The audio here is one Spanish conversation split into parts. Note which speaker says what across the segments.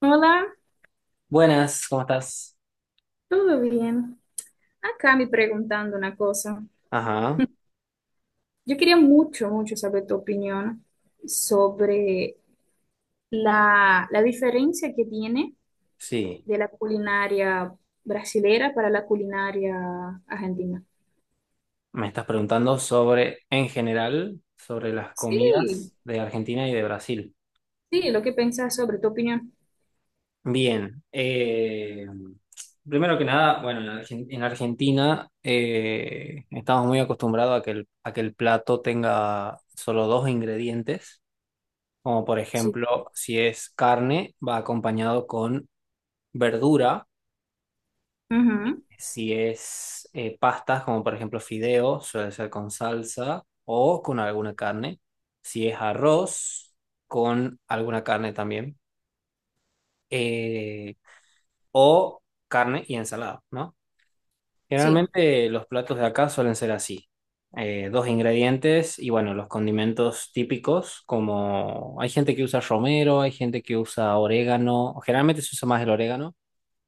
Speaker 1: Hola,
Speaker 2: Buenas, ¿cómo estás?
Speaker 1: ¿todo bien? Acá me preguntando una cosa.
Speaker 2: Ajá,
Speaker 1: Yo quería mucho, mucho saber tu opinión sobre la diferencia que tiene
Speaker 2: sí.
Speaker 1: de la culinaria brasilera para la culinaria argentina.
Speaker 2: Me estás preguntando sobre, en general, sobre las
Speaker 1: Sí,
Speaker 2: comidas de Argentina y de Brasil.
Speaker 1: sí, lo que pensás sobre tu opinión.
Speaker 2: Bien. Primero que nada, bueno, en, en Argentina estamos muy acostumbrados a que el plato tenga solo dos ingredientes, como por
Speaker 1: Sí.
Speaker 2: ejemplo, si es carne, va acompañado con verdura.
Speaker 1: Ujú.
Speaker 2: Si es pastas, como por ejemplo fideo, suele ser con salsa o con alguna carne. Si es arroz, con alguna carne también. Eh, o carne y ensalada, ¿no?
Speaker 1: Sí,
Speaker 2: Generalmente los platos de acá suelen ser así. Dos ingredientes y bueno, los condimentos típicos, como hay gente que usa romero, hay gente que usa orégano, generalmente se usa más el orégano,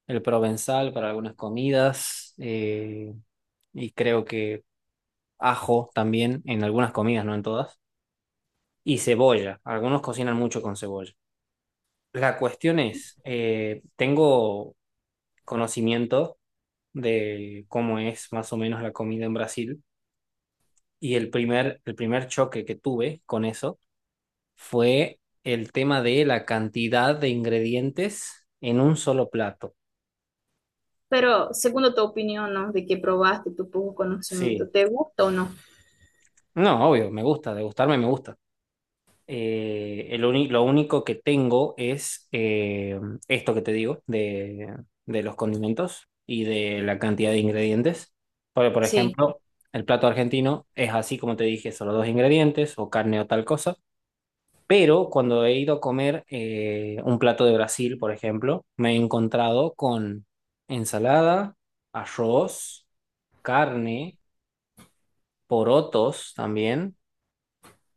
Speaker 2: el provenzal para algunas comidas. Y creo que ajo también en algunas comidas, no en todas, y cebolla. Algunos cocinan mucho con cebolla. La cuestión es, tengo conocimiento de cómo es más o menos la comida en Brasil y el el primer choque que tuve con eso fue el tema de la cantidad de ingredientes en un solo plato.
Speaker 1: pero según tu opinión, ¿no? De que probaste tu poco conocimiento,
Speaker 2: Sí,
Speaker 1: ¿te gusta o no?
Speaker 2: no, obvio, me gusta, degustarme me gusta. El lo único que tengo es esto que te digo de los condimentos y de la cantidad de ingredientes. Porque, por
Speaker 1: Sí.
Speaker 2: ejemplo, el plato argentino es así como te dije, solo dos ingredientes o carne o tal cosa. Pero cuando he ido a comer un plato de Brasil, por ejemplo, me he encontrado con ensalada, arroz, carne, porotos también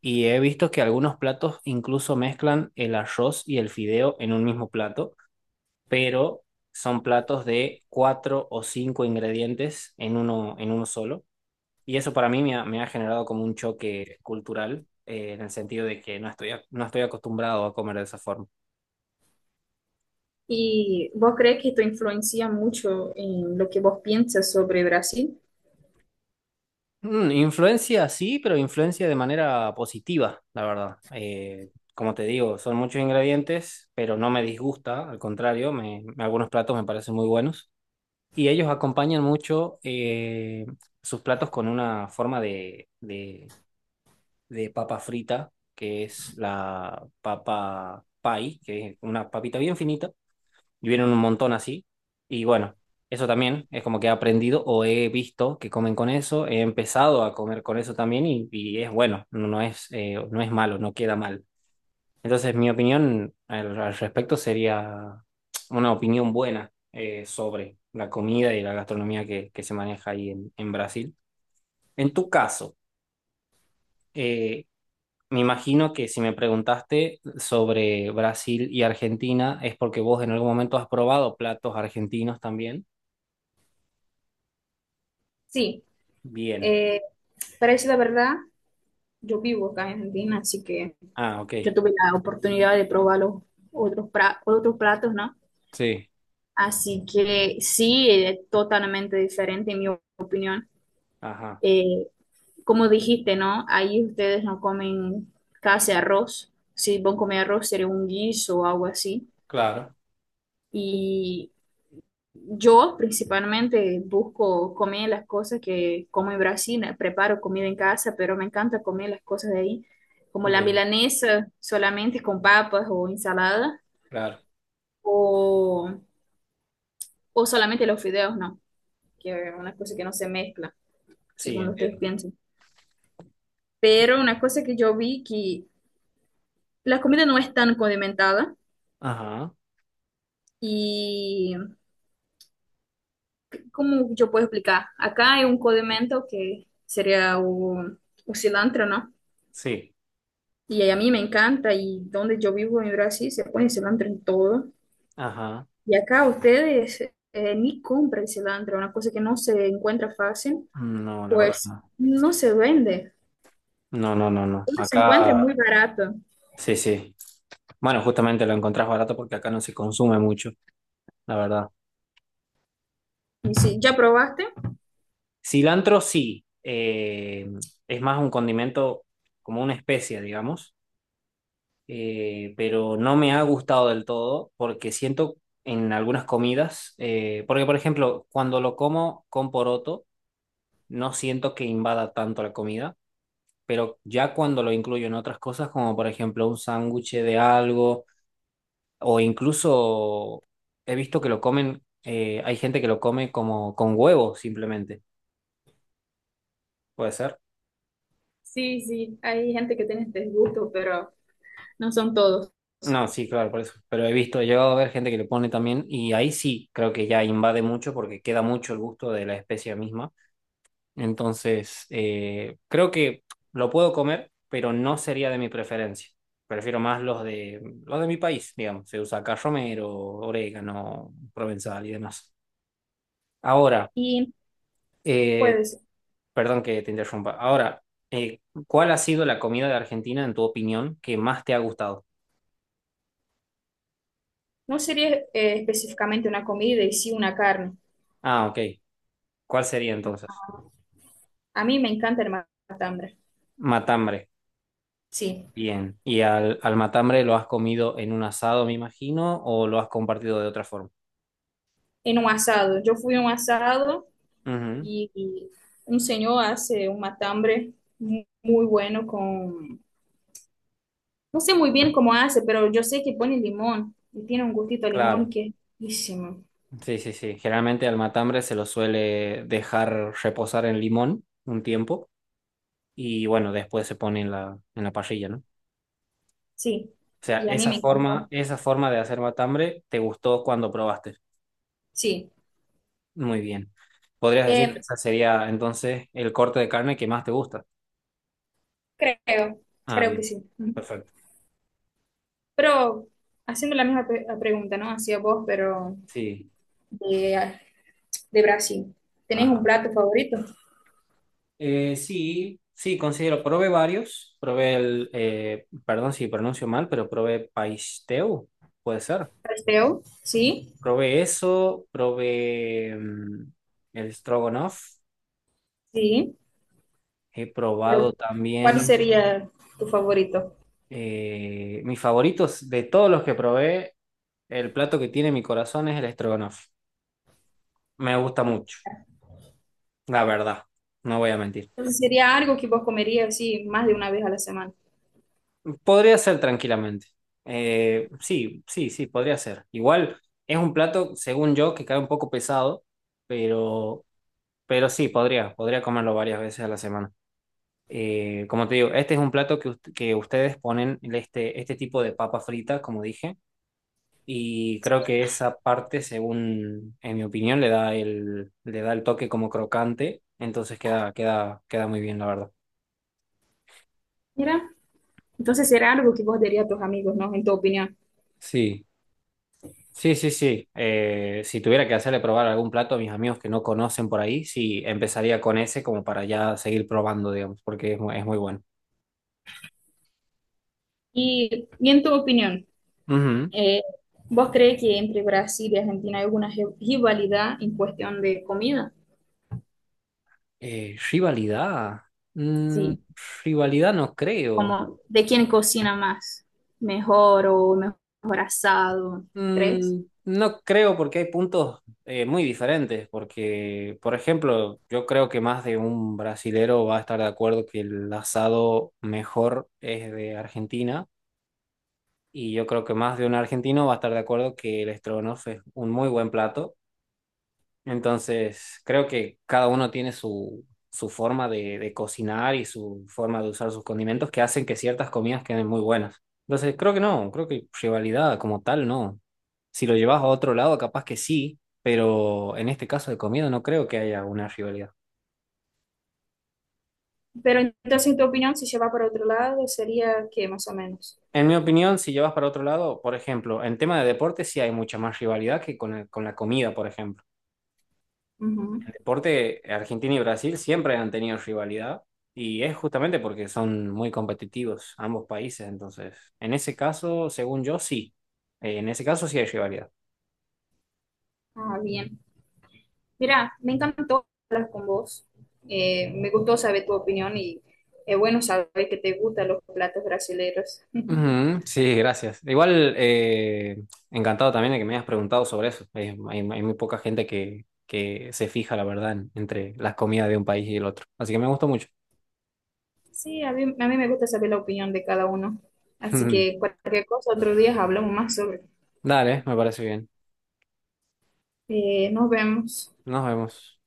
Speaker 2: y he visto que algunos platos incluso mezclan el arroz y el fideo en un mismo plato, pero son platos de cuatro o cinco ingredientes en uno solo. Y eso para mí me ha generado como un choque cultural, en el sentido de que no estoy, no estoy acostumbrado a comer de esa forma.
Speaker 1: ¿Y vos crees que esto influencia mucho en lo que vos piensas sobre Brasil?
Speaker 2: Mm, influencia sí, pero influencia de manera positiva, la verdad. Como te digo, son muchos ingredientes, pero no me disgusta, al contrario, me, algunos platos me parecen muy buenos. Y ellos acompañan mucho sus platos con una forma de papa frita, que es la papa pie, que es una papita bien finita, y vienen un montón así. Y bueno, eso también es como que he aprendido o he visto que comen con eso, he empezado a comer con eso también y es bueno, no, no es, no es malo, no queda mal. Entonces, mi opinión al respecto sería una opinión buena sobre la comida y la gastronomía que se maneja ahí en Brasil. En tu caso, eh, me imagino que si me preguntaste sobre Brasil y Argentina es porque vos en algún momento has probado platos argentinos también.
Speaker 1: Sí,
Speaker 2: Bien.
Speaker 1: eh, para decir la verdad, yo vivo acá en Argentina, así que
Speaker 2: Ah, ok.
Speaker 1: yo tuve la oportunidad de probar los otros platos, ¿no?
Speaker 2: Sí.
Speaker 1: Así que sí, es totalmente diferente en mi opinión.
Speaker 2: Ajá.
Speaker 1: Eh, Como dijiste, ¿no? Ahí ustedes no comen casi arroz. Si vos comés arroz, sería un guiso o algo así.
Speaker 2: Claro.
Speaker 1: Y yo principalmente busco comer las cosas que como en Brasil, preparo comida en casa, pero me encanta comer las cosas de ahí, como la
Speaker 2: Bien.
Speaker 1: milanesa solamente con papas o ensalada,
Speaker 2: Claro.
Speaker 1: o, o solamente los fideos, no, que es una cosa que no se mezcla,
Speaker 2: Sí,
Speaker 1: según ustedes
Speaker 2: entiendo.
Speaker 1: piensen. Pero una cosa que yo vi que la comida no es tan condimentada
Speaker 2: Ajá.
Speaker 1: y, ¿cómo yo puedo explicar? Acá hay un condimento que sería un cilantro, ¿no?
Speaker 2: Sí.
Speaker 1: Y a mí me encanta, y donde yo vivo en Brasil se pone cilantro en todo.
Speaker 2: Ajá.
Speaker 1: Y acá ustedes ni compran cilantro, una cosa que no se encuentra fácil,
Speaker 2: No, la verdad
Speaker 1: pues
Speaker 2: no.
Speaker 1: no se vende.
Speaker 2: No, no, no, no.
Speaker 1: Uno se
Speaker 2: Acá.
Speaker 1: encuentra es muy barato.
Speaker 2: Sí, sí. Bueno, justamente lo encontrás barato porque acá no se consume mucho, la verdad.
Speaker 1: Y si ya probaste,
Speaker 2: Cilantro sí, es más un condimento como una especia, digamos, pero no me ha gustado del todo porque siento en algunas comidas, porque por ejemplo, cuando lo como con poroto, no siento que invada tanto la comida, pero ya cuando lo incluyo en otras cosas, como por ejemplo un sándwich de algo. O incluso he visto que lo comen, hay gente que lo come como con huevo simplemente. ¿Puede ser?
Speaker 1: sí, sí, hay gente que tiene este gusto, pero no son todos.
Speaker 2: No, sí, claro, por eso. Pero he visto, he llegado a ver gente que lo pone también y ahí sí creo que ya invade mucho porque queda mucho el gusto de la especia misma. Entonces, creo que lo puedo comer, pero no sería de mi preferencia. Prefiero más los de mi país, digamos. Se usa acá romero, orégano, provenzal y demás. Ahora,
Speaker 1: Y
Speaker 2: eh,
Speaker 1: pues
Speaker 2: perdón que te interrumpa. Ahora, eh, ¿cuál ha sido la comida de Argentina, en tu opinión, que más te ha gustado?
Speaker 1: no sería específicamente una comida y sí una carne.
Speaker 2: Ah, ok. ¿Cuál sería entonces?
Speaker 1: A mí me encanta el matambre,
Speaker 2: Matambre.
Speaker 1: sí,
Speaker 2: Bien. ¿Y al matambre lo has comido en un asado, me imagino, o lo has compartido de otra forma?
Speaker 1: en un asado. Yo fui a un asado.
Speaker 2: Ujú,
Speaker 1: Y un señor hace un muy bueno con, no sé muy bien cómo hace, pero yo sé que pone limón y tiene un gustito a limón
Speaker 2: claro.
Speaker 1: que es riquísimo.
Speaker 2: Sí, sí, sí. Generalmente al matambre se lo suele dejar reposar en limón un tiempo y bueno, después se pone en en la parrilla, ¿no?
Speaker 1: Sí,
Speaker 2: O sea,
Speaker 1: y a mí me encantó.
Speaker 2: esa forma de hacer matambre, ¿te gustó cuando probaste?
Speaker 1: Sí.
Speaker 2: Muy bien. Podrías decir que
Speaker 1: Eh,
Speaker 2: ese sería entonces el corte de carne que más te gusta.
Speaker 1: creo,
Speaker 2: Ah,
Speaker 1: creo que
Speaker 2: bien.
Speaker 1: sí. Ujú.
Speaker 2: Perfecto.
Speaker 1: Pero haciendo la la pregunta, ¿no? Hacia vos, pero
Speaker 2: Sí.
Speaker 1: de, de Brasil. ¿Tenés un
Speaker 2: Ajá.
Speaker 1: plato favorito?
Speaker 2: Sí, sí, considero. Probé varios. Probé el, perdón si pronuncio mal, pero probé paisteu. Puede ser.
Speaker 1: Pastel, sí,
Speaker 2: Probé eso. Probé el stroganoff.
Speaker 1: sí,
Speaker 2: He
Speaker 1: pero
Speaker 2: probado
Speaker 1: ¿cuál
Speaker 2: también
Speaker 1: sería tu favorito?
Speaker 2: mis favoritos de todos los que probé. El plato que tiene mi corazón es el stroganoff. Me gusta mucho. La verdad, no voy a mentir.
Speaker 1: Entonces sería algo que vos comerías así más de una vez a la semana.
Speaker 2: Podría ser tranquilamente. Sí, sí, sí, podría ser. Igual es un plato, según yo, que cae un poco pesado, pero, pero sí, podría, podría comerlo varias veces a la semana. Como te digo, este es un plato que, que ustedes ponen este, este tipo de papa frita, como dije, y creo que esa parte, según, en mi opinión, le da le da el toque como crocante, entonces queda, queda, queda muy bien, la verdad.
Speaker 1: Mira, entonces será algo que vos dirías a tus amigos, ¿no? En tu opinión.
Speaker 2: Sí. Sí, sí, sí. Si tuviera que hacerle probar algún plato a mis amigos que no conocen por ahí, sí, empezaría con ese como para ya seguir probando, digamos, porque es, es muy bueno.
Speaker 1: Y en tu opinión,
Speaker 2: Ujú.
Speaker 1: eh, ¿vos crees que entre Brasil y Argentina hay alguna rivalidad en cuestión de comida?
Speaker 2: Rivalidad. Mm,
Speaker 1: Sí,
Speaker 2: rivalidad no creo.
Speaker 1: como de quién cocina más, mejor o mejor asado, ¿crees?
Speaker 2: Mm, no creo porque hay puntos muy diferentes, porque, por ejemplo, yo creo que más de un brasilero va a estar de acuerdo que el asado mejor es de Argentina y yo creo que más de un argentino va a estar de acuerdo que el estrogonoff es un muy buen plato. Entonces, creo que cada uno tiene su, su forma de cocinar y su forma de usar sus condimentos que hacen que ciertas comidas queden muy buenas. Entonces, creo que no, creo que rivalidad como tal no. Si lo llevas a otro lado, capaz que sí, pero en este caso de comida no creo que haya una rivalidad.
Speaker 1: Pero entonces en tu opinión, si se va para otro lado, sería que más o menos.
Speaker 2: En mi opinión, si llevas para otro lado, por ejemplo, en tema de deporte sí hay mucha más rivalidad que con, con la comida, por ejemplo.
Speaker 1: Ujú.
Speaker 2: Deporte, Argentina y Brasil siempre han tenido rivalidad y es justamente porque son muy competitivos ambos países. Entonces, en ese caso, según yo, sí. En ese caso sí hay rivalidad.
Speaker 1: Ah, bien. Mira, me encantó hablar con vos. Me gustó saber tu opinión y es bueno saber que te gustan los platos brasileños.
Speaker 2: Ujú, sí, gracias. Igual, encantado también de que me hayas preguntado sobre eso. Hay muy poca gente que se fija, la verdad, entre las comidas de un país y el otro. Así que me gustó mucho.
Speaker 1: Sí, a mí me gusta saber la opinión de cada uno. Así que cualquier cosa, otro día hablamos más sobre.
Speaker 2: Dale, me parece bien.
Speaker 1: Nos vemos.
Speaker 2: Nos vemos.